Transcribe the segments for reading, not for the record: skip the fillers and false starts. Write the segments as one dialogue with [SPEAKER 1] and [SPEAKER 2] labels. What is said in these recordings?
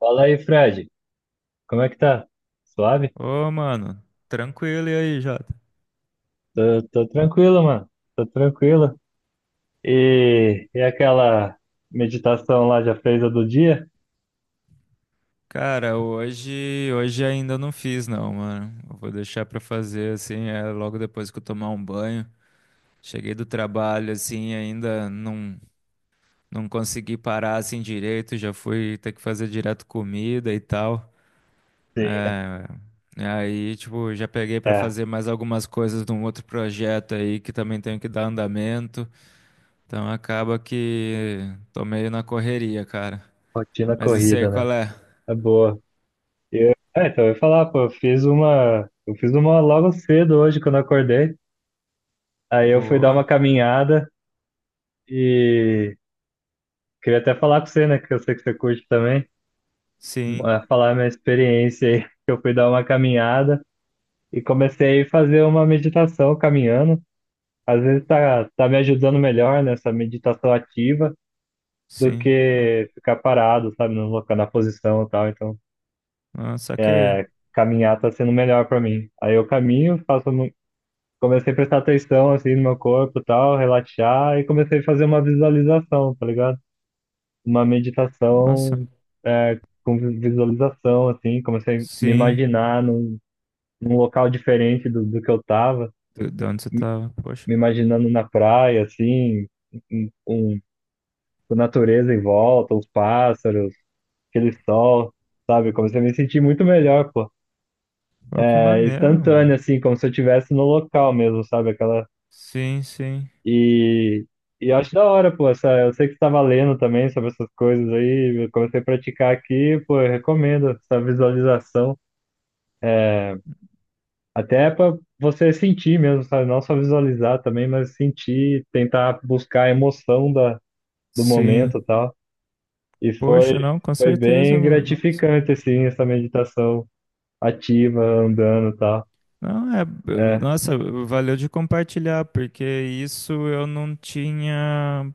[SPEAKER 1] Fala aí, Fred. Como é que tá? Suave?
[SPEAKER 2] Ô, mano, tranquilo e aí, Jota?
[SPEAKER 1] Tô tranquilo, mano. Tô tranquilo. E aquela meditação lá já fez a do dia?
[SPEAKER 2] Cara, hoje ainda não fiz não, mano. Eu vou deixar pra fazer assim, logo depois que eu tomar um banho. Cheguei do trabalho assim, ainda não consegui parar assim direito, já fui ter que fazer direto comida e tal.
[SPEAKER 1] Sim.
[SPEAKER 2] É, Aí, tipo, já peguei pra
[SPEAKER 1] É,
[SPEAKER 2] fazer mais algumas coisas de um outro projeto aí que também tenho que dar andamento. Então acaba que tô meio na correria, cara.
[SPEAKER 1] rotina
[SPEAKER 2] Mas isso aí,
[SPEAKER 1] corrida, né?
[SPEAKER 2] qual é?
[SPEAKER 1] É boa. Eu, é, então eu ia falar, pô, eu fiz uma logo cedo hoje quando eu acordei. Aí eu fui dar
[SPEAKER 2] Boa.
[SPEAKER 1] uma caminhada e queria até falar com você, né? Que eu sei que você curte também.
[SPEAKER 2] Sim,
[SPEAKER 1] Falar a minha experiência aí, que eu fui dar uma caminhada e comecei a fazer uma meditação caminhando. Às vezes tá me ajudando melhor nessa meditação ativa do
[SPEAKER 2] sim. Ah,
[SPEAKER 1] que ficar parado, sabe, no local, na posição e tal. Então,
[SPEAKER 2] ah, saquei.
[SPEAKER 1] caminhar tá sendo melhor para mim. Aí eu caminho, faço, comecei a prestar atenção assim no meu corpo e tal, relaxar e comecei a fazer uma visualização, tá ligado? Uma
[SPEAKER 2] Nossa.
[SPEAKER 1] meditação é, com visualização assim, comecei a me
[SPEAKER 2] Sim.
[SPEAKER 1] imaginar num, num local diferente do que eu tava,
[SPEAKER 2] De onde você tava? Poxa.
[SPEAKER 1] me imaginando na praia assim, um a natureza em volta, os pássaros, aquele sol, sabe? Comecei a me sentir muito melhor, pô.
[SPEAKER 2] Pô, que
[SPEAKER 1] É
[SPEAKER 2] maneiro, mano.
[SPEAKER 1] instantâneo, assim, como se eu estivesse no local mesmo, sabe? Aquela.
[SPEAKER 2] Sim, sim.
[SPEAKER 1] E, e eu acho da hora, pô. Essa... Eu sei que você estava lendo também sobre essas coisas aí. Eu comecei a praticar aqui, pô, eu recomendo essa visualização. Até para você sentir mesmo, sabe? Não só visualizar também, mas sentir, tentar buscar a emoção da, do momento
[SPEAKER 2] Sim.
[SPEAKER 1] e tal. E foi,
[SPEAKER 2] Poxa, não, com
[SPEAKER 1] foi
[SPEAKER 2] certeza,
[SPEAKER 1] bem
[SPEAKER 2] mano. Nossa.
[SPEAKER 1] gratificante, assim, essa meditação ativa, andando e tal.
[SPEAKER 2] Não, é.
[SPEAKER 1] É,
[SPEAKER 2] Nossa, valeu de compartilhar, porque isso eu não tinha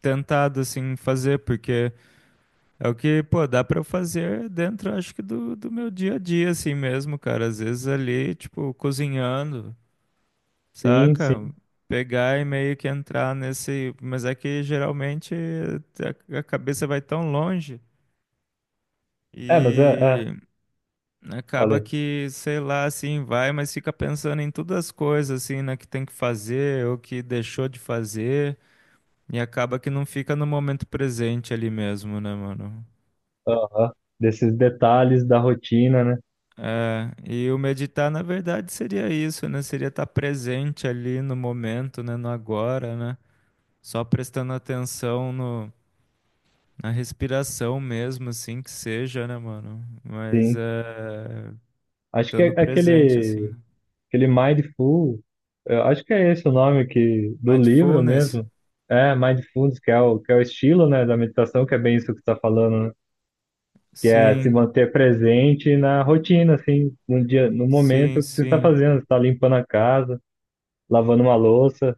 [SPEAKER 2] tentado, assim, fazer, porque é o que, pô, dá pra eu fazer dentro, acho que, do meu dia a dia, assim mesmo, cara. Às vezes ali, tipo, cozinhando.
[SPEAKER 1] sim,
[SPEAKER 2] Saca?
[SPEAKER 1] sim.
[SPEAKER 2] Pegar e meio que entrar nesse. Mas é que geralmente a cabeça vai tão longe
[SPEAKER 1] É, mas é, é,
[SPEAKER 2] e acaba
[SPEAKER 1] falei.
[SPEAKER 2] que, sei lá, assim, vai, mas fica pensando em todas as coisas, assim, né, que tem que fazer ou que deixou de fazer e acaba que não fica no momento presente ali mesmo, né, mano?
[SPEAKER 1] Aham. Desses detalhes da rotina, né?
[SPEAKER 2] É, e o meditar, na verdade, seria isso, né? Seria estar presente ali no momento, né, no agora, né? Só prestando atenção no Na respiração mesmo, assim, que seja, né, mano? Mas
[SPEAKER 1] Sim.
[SPEAKER 2] é.
[SPEAKER 1] Acho que
[SPEAKER 2] Estando
[SPEAKER 1] é
[SPEAKER 2] presente, assim. Né?
[SPEAKER 1] aquele Mindful, eu acho que é esse o nome que, do livro
[SPEAKER 2] Mindfulness?
[SPEAKER 1] mesmo. É, Mindfulness, que é que é o estilo, né, da meditação, que é bem isso que você está falando, né? Que é se
[SPEAKER 2] Sim,
[SPEAKER 1] manter presente na rotina, assim, no dia, no
[SPEAKER 2] sim,
[SPEAKER 1] momento que você está
[SPEAKER 2] sim.
[SPEAKER 1] fazendo. Você está limpando a casa, lavando uma louça.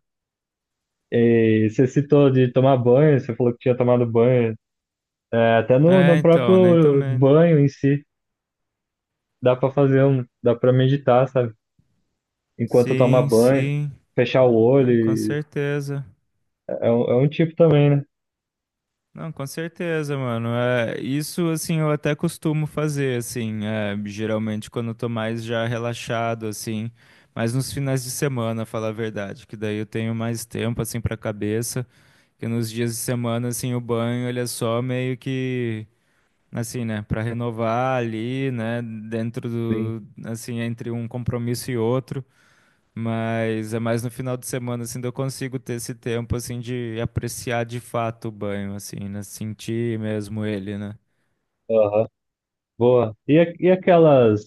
[SPEAKER 1] E você citou de tomar banho, você falou que tinha tomado banho. É, até no,
[SPEAKER 2] É,
[SPEAKER 1] no
[SPEAKER 2] então, nem
[SPEAKER 1] próprio
[SPEAKER 2] tomei.
[SPEAKER 1] banho em si, dá pra fazer um, dá pra meditar, sabe? Enquanto toma
[SPEAKER 2] Sim,
[SPEAKER 1] banho,
[SPEAKER 2] sim.
[SPEAKER 1] fechar o olho,
[SPEAKER 2] Não, com certeza.
[SPEAKER 1] é um tipo também, né?
[SPEAKER 2] Não, com certeza, mano. É, isso, assim, eu até costumo fazer, assim. Geralmente quando eu tô mais já relaxado, assim. Mas nos finais de semana, falar a verdade, que daí eu tenho mais tempo, assim, pra cabeça. Porque nos dias de semana, assim, o banho, ele é só meio que, assim, né, pra renovar ali, né, dentro
[SPEAKER 1] Sim.
[SPEAKER 2] do, assim, entre um compromisso e outro. Mas é mais no final de semana, assim, que eu consigo ter esse tempo, assim, de apreciar de fato o banho, assim, né, sentir mesmo ele, né.
[SPEAKER 1] Aham. Boa. E, e aquelas,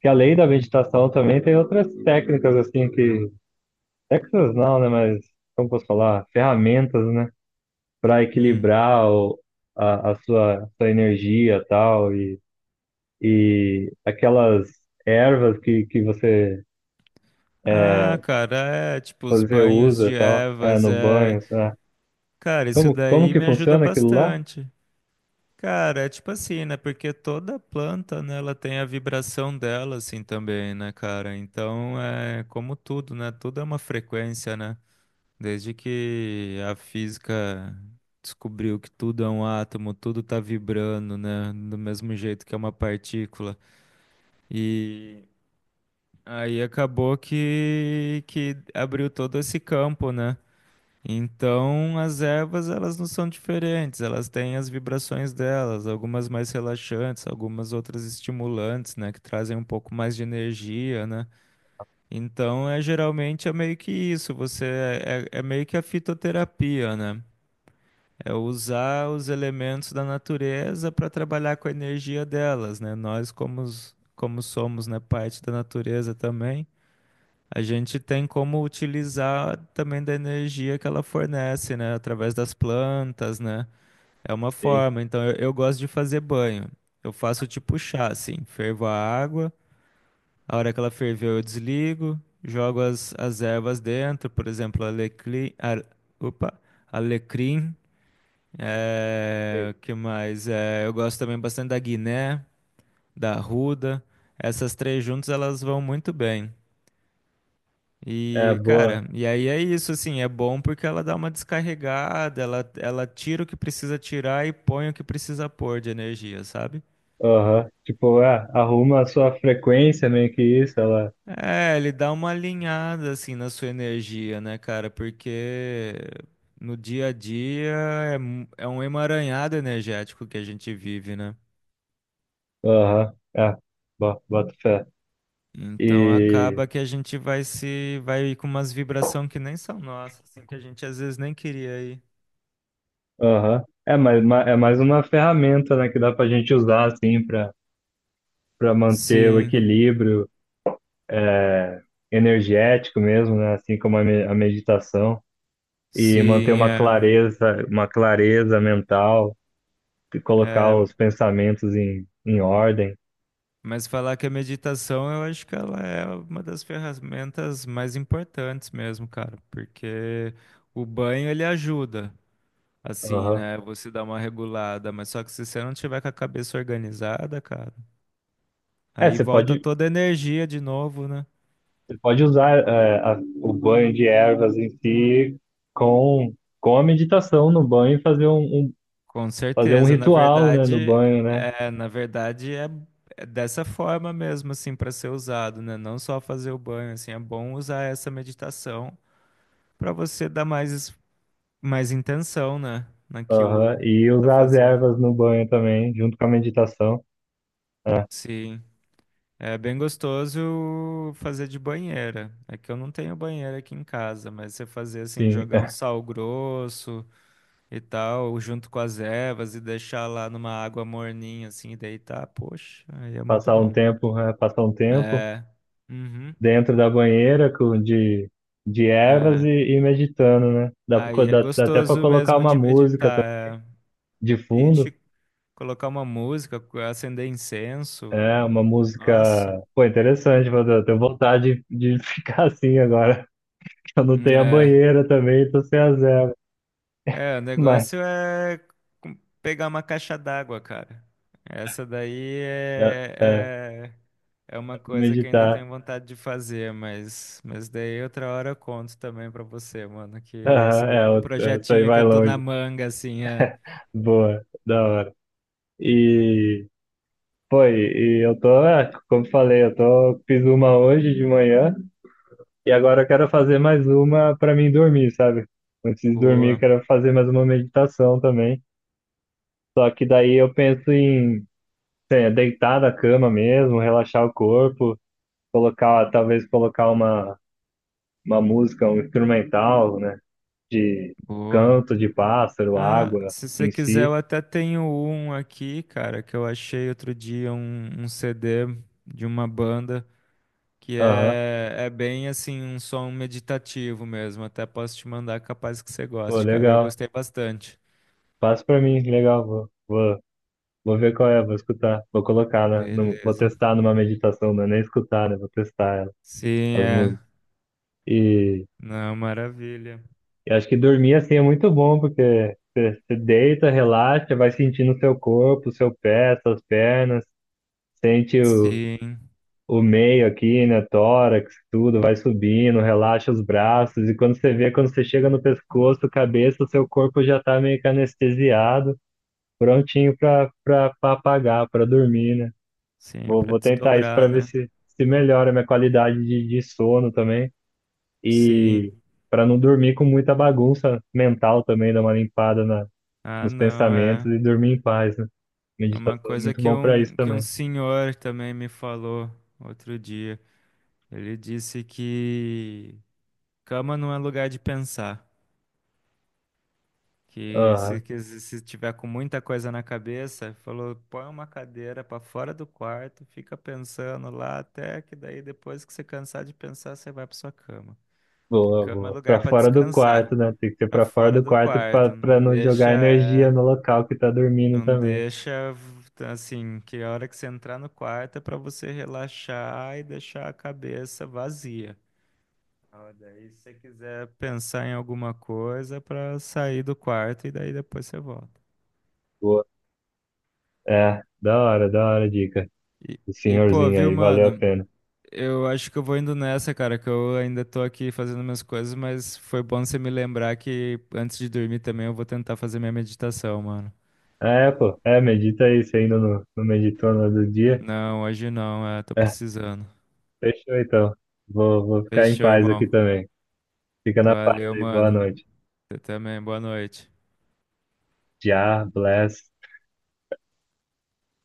[SPEAKER 1] que além da meditação também tem outras técnicas, assim, que, técnicas não, né? Mas, como posso falar? Ferramentas, né? Pra
[SPEAKER 2] Hum.
[SPEAKER 1] equilibrar o, a sua, sua energia e tal, e aquelas ervas que você
[SPEAKER 2] Ah, cara, é, tipo, os
[SPEAKER 1] fazer
[SPEAKER 2] banhos
[SPEAKER 1] uso e
[SPEAKER 2] de
[SPEAKER 1] tal, é,
[SPEAKER 2] ervas,
[SPEAKER 1] no
[SPEAKER 2] é...
[SPEAKER 1] banho, sabe?
[SPEAKER 2] Cara, isso
[SPEAKER 1] Como
[SPEAKER 2] daí
[SPEAKER 1] que
[SPEAKER 2] me ajuda
[SPEAKER 1] funciona aquilo lá?
[SPEAKER 2] bastante. Cara, é tipo assim, né? Porque toda planta, né, ela tem a vibração dela, assim, também, né, cara? Então, é como tudo, né? Tudo é uma frequência, né? Desde que a física descobriu que tudo é um átomo, tudo tá vibrando, né? Do mesmo jeito que é uma partícula. E aí acabou que abriu todo esse campo, né? Então, as ervas, elas não são diferentes, elas têm as vibrações delas, algumas mais relaxantes, algumas outras estimulantes, né, que trazem um pouco mais de energia, né? Então, é geralmente é meio que isso, você é meio que a fitoterapia, né? É usar os elementos da natureza para trabalhar com a energia delas, né? Nós como, como somos, né, parte da natureza também, a gente tem como utilizar também da energia que ela fornece, né? Através das plantas, né? É uma
[SPEAKER 1] Sim.
[SPEAKER 2] forma. Então, eu gosto de fazer banho. Eu faço tipo chá, assim. Fervo a água. A hora que ela ferveu, eu desligo. Jogo as ervas dentro. Por exemplo, alecrim. Opa, alecrim. É, o que mais? É, eu gosto também bastante da guiné, da arruda. Essas três juntas, elas vão muito bem.
[SPEAKER 1] É,
[SPEAKER 2] E,
[SPEAKER 1] boa.
[SPEAKER 2] cara, e aí é isso, assim, é bom porque ela dá uma descarregada, ela tira o que precisa tirar e põe o que precisa pôr de energia, sabe?
[SPEAKER 1] Aham. Tipo, é, arruma a sua frequência, meio que isso, ela.
[SPEAKER 2] É, ele dá uma alinhada, assim, na sua energia, né, cara? Porque no dia a dia é um emaranhado energético que a gente vive, né?
[SPEAKER 1] Aham. É, bota fé.
[SPEAKER 2] Então
[SPEAKER 1] E.
[SPEAKER 2] acaba que a gente vai se, vai com umas vibração que nem são nossas, assim, que a gente às vezes nem queria ir.
[SPEAKER 1] Aham. É, mas é mais uma ferramenta, né, que dá pra gente usar, assim, pra, pra manter o
[SPEAKER 2] Sim,
[SPEAKER 1] equilíbrio é, energético mesmo, né? Assim como a meditação. E manter
[SPEAKER 2] sim, é.
[SPEAKER 1] uma clareza mental. Que colocar os pensamentos em, em ordem.
[SPEAKER 2] Mas falar que a meditação, eu acho que ela é uma das ferramentas mais importantes mesmo, cara, porque o banho ele ajuda, assim,
[SPEAKER 1] Aham.
[SPEAKER 2] né? Você dá uma regulada, mas só que se você não tiver com a cabeça organizada, cara,
[SPEAKER 1] É,
[SPEAKER 2] aí volta toda a energia de novo, né?
[SPEAKER 1] você pode usar é, o banho de ervas em si com, com a meditação no banho e fazer um, um-
[SPEAKER 2] Com
[SPEAKER 1] fazer um
[SPEAKER 2] certeza. Na
[SPEAKER 1] ritual, né, no
[SPEAKER 2] verdade,
[SPEAKER 1] banho, né?
[SPEAKER 2] na verdade é dessa forma mesmo, assim, para ser usado, né? Não só fazer o banho, assim, é bom usar essa meditação para você dar mais intenção, né?
[SPEAKER 1] Aham.
[SPEAKER 2] Naquilo
[SPEAKER 1] E
[SPEAKER 2] que tá
[SPEAKER 1] usar as
[SPEAKER 2] fazendo.
[SPEAKER 1] ervas no banho também, junto com a meditação. É,
[SPEAKER 2] Sim. É bem gostoso fazer de banheira. É que eu não tenho banheira aqui em casa, mas você fazer assim,
[SPEAKER 1] sim,
[SPEAKER 2] jogar um sal grosso e tal, junto com as ervas e deixar lá numa água morninha assim, e deitar, poxa, aí é muito bom.
[SPEAKER 1] passar um tempo
[SPEAKER 2] É. Uhum.
[SPEAKER 1] dentro da banheira com de ervas
[SPEAKER 2] É.
[SPEAKER 1] e meditando, né? Dá,
[SPEAKER 2] Aí é
[SPEAKER 1] dá, dá até para
[SPEAKER 2] gostoso
[SPEAKER 1] colocar
[SPEAKER 2] mesmo
[SPEAKER 1] uma
[SPEAKER 2] de
[SPEAKER 1] música
[SPEAKER 2] meditar.
[SPEAKER 1] de
[SPEAKER 2] É.
[SPEAKER 1] fundo.
[SPEAKER 2] Ixi, colocar uma música, acender incenso.
[SPEAKER 1] É uma música,
[SPEAKER 2] Nossa.
[SPEAKER 1] pô, interessante, mas eu tenho vontade de ficar assim agora, eu não tenho a
[SPEAKER 2] É.
[SPEAKER 1] banheira também, tô sem a zero,
[SPEAKER 2] É, o
[SPEAKER 1] mas
[SPEAKER 2] negócio é com- pegar uma caixa d'água, cara. Essa daí
[SPEAKER 1] dá, é, dá
[SPEAKER 2] é uma
[SPEAKER 1] pra
[SPEAKER 2] coisa que eu ainda
[SPEAKER 1] meditar.
[SPEAKER 2] tenho vontade de fazer, mas daí outra hora eu conto também pra você, mano, que esse
[SPEAKER 1] Aham,
[SPEAKER 2] daí
[SPEAKER 1] é,
[SPEAKER 2] é um
[SPEAKER 1] é, isso aí
[SPEAKER 2] projetinho que
[SPEAKER 1] vai
[SPEAKER 2] eu tô na
[SPEAKER 1] longe,
[SPEAKER 2] manga, assim, é.
[SPEAKER 1] boa, da hora. E, pô, e eu tô, é, como falei, eu tô, fiz uma hoje de manhã, e agora eu quero fazer mais uma pra mim dormir, sabe? Antes de dormir, eu
[SPEAKER 2] Boa,
[SPEAKER 1] quero fazer mais uma meditação também, só que daí eu penso em É, deitar na cama mesmo, relaxar o corpo, talvez colocar uma música, um instrumental, né? De
[SPEAKER 2] boa.
[SPEAKER 1] canto de pássaro,
[SPEAKER 2] Ah,
[SPEAKER 1] água
[SPEAKER 2] se você
[SPEAKER 1] em
[SPEAKER 2] quiser, eu
[SPEAKER 1] si.
[SPEAKER 2] até tenho um aqui, cara, que eu achei outro dia um CD de uma banda. Que
[SPEAKER 1] Aham,
[SPEAKER 2] é, é bem assim, um som meditativo mesmo. Até posso te mandar, capaz que você
[SPEAKER 1] pô,
[SPEAKER 2] goste, cara. Eu
[SPEAKER 1] legal.
[SPEAKER 2] gostei bastante.
[SPEAKER 1] Passa pra mim, legal. Vou ver qual é, vou escutar, vou colocar, né? Vou
[SPEAKER 2] Beleza.
[SPEAKER 1] testar numa meditação, não é nem escutar, né? Vou testar ela,
[SPEAKER 2] Sim,
[SPEAKER 1] as
[SPEAKER 2] é.
[SPEAKER 1] músicas. E,
[SPEAKER 2] Não, maravilha.
[SPEAKER 1] e acho que dormir assim é muito bom, porque você deita, relaxa, vai sentindo o seu corpo, o seu pé, suas pernas sente
[SPEAKER 2] Sim,
[SPEAKER 1] o meio aqui, né? Tórax, tudo, vai subindo, relaxa os braços, e quando você vê, quando você chega no pescoço, cabeça, o seu corpo já tá meio que anestesiado, prontinho pra apagar, pra dormir, né?
[SPEAKER 2] sim, para
[SPEAKER 1] Vou tentar isso pra
[SPEAKER 2] desdobrar,
[SPEAKER 1] ver
[SPEAKER 2] né?
[SPEAKER 1] se, se melhora a minha qualidade de sono também, e
[SPEAKER 2] Sim.
[SPEAKER 1] pra não dormir com muita bagunça mental também, dar uma limpada na,
[SPEAKER 2] Ah,
[SPEAKER 1] nos
[SPEAKER 2] não,
[SPEAKER 1] pensamentos
[SPEAKER 2] é.
[SPEAKER 1] e dormir em paz, né?
[SPEAKER 2] É uma
[SPEAKER 1] Meditação é
[SPEAKER 2] coisa
[SPEAKER 1] muito bom pra isso
[SPEAKER 2] que um
[SPEAKER 1] também.
[SPEAKER 2] senhor também me falou outro dia. Ele disse que cama não é lugar de pensar.
[SPEAKER 1] Aham.
[SPEAKER 2] Que se se tiver com muita coisa na cabeça, falou, põe uma cadeira para fora do quarto, fica pensando lá até que daí depois que você cansar de pensar, você vai para sua cama. Que
[SPEAKER 1] Boa,
[SPEAKER 2] cama é
[SPEAKER 1] boa.
[SPEAKER 2] lugar
[SPEAKER 1] Pra
[SPEAKER 2] para
[SPEAKER 1] fora do quarto,
[SPEAKER 2] descansar,
[SPEAKER 1] né? Tem que ser
[SPEAKER 2] para
[SPEAKER 1] pra fora
[SPEAKER 2] fora
[SPEAKER 1] do
[SPEAKER 2] do
[SPEAKER 1] quarto pra,
[SPEAKER 2] quarto,
[SPEAKER 1] pra
[SPEAKER 2] não
[SPEAKER 1] não
[SPEAKER 2] deixa,
[SPEAKER 1] jogar energia no local que tá dormindo
[SPEAKER 2] não
[SPEAKER 1] também.
[SPEAKER 2] deixa assim, que a hora que você entrar no quarto é para você relaxar e deixar a cabeça vazia. Ah, Daí, se você quiser pensar em alguma coisa, para sair do quarto e daí depois você volta.
[SPEAKER 1] Boa. É, da hora a dica.
[SPEAKER 2] E,
[SPEAKER 1] O
[SPEAKER 2] pô,
[SPEAKER 1] senhorzinho
[SPEAKER 2] viu,
[SPEAKER 1] aí, valeu a
[SPEAKER 2] mano?
[SPEAKER 1] pena.
[SPEAKER 2] Eu acho que eu vou indo nessa, cara, que eu ainda tô aqui fazendo minhas coisas, mas foi bom você me lembrar que antes de dormir também eu vou tentar fazer minha meditação, mano.
[SPEAKER 1] É, pô, é, medita aí, você ainda não, não meditou no outro dia.
[SPEAKER 2] Não, hoje não, é, tô
[SPEAKER 1] É,
[SPEAKER 2] precisando.
[SPEAKER 1] fechou então. Vou ficar em
[SPEAKER 2] Fechou,
[SPEAKER 1] paz aqui
[SPEAKER 2] irmão.
[SPEAKER 1] também. Fica na paz
[SPEAKER 2] Valeu,
[SPEAKER 1] aí, boa
[SPEAKER 2] mano.
[SPEAKER 1] noite.
[SPEAKER 2] Você também, boa noite.
[SPEAKER 1] Já, bless.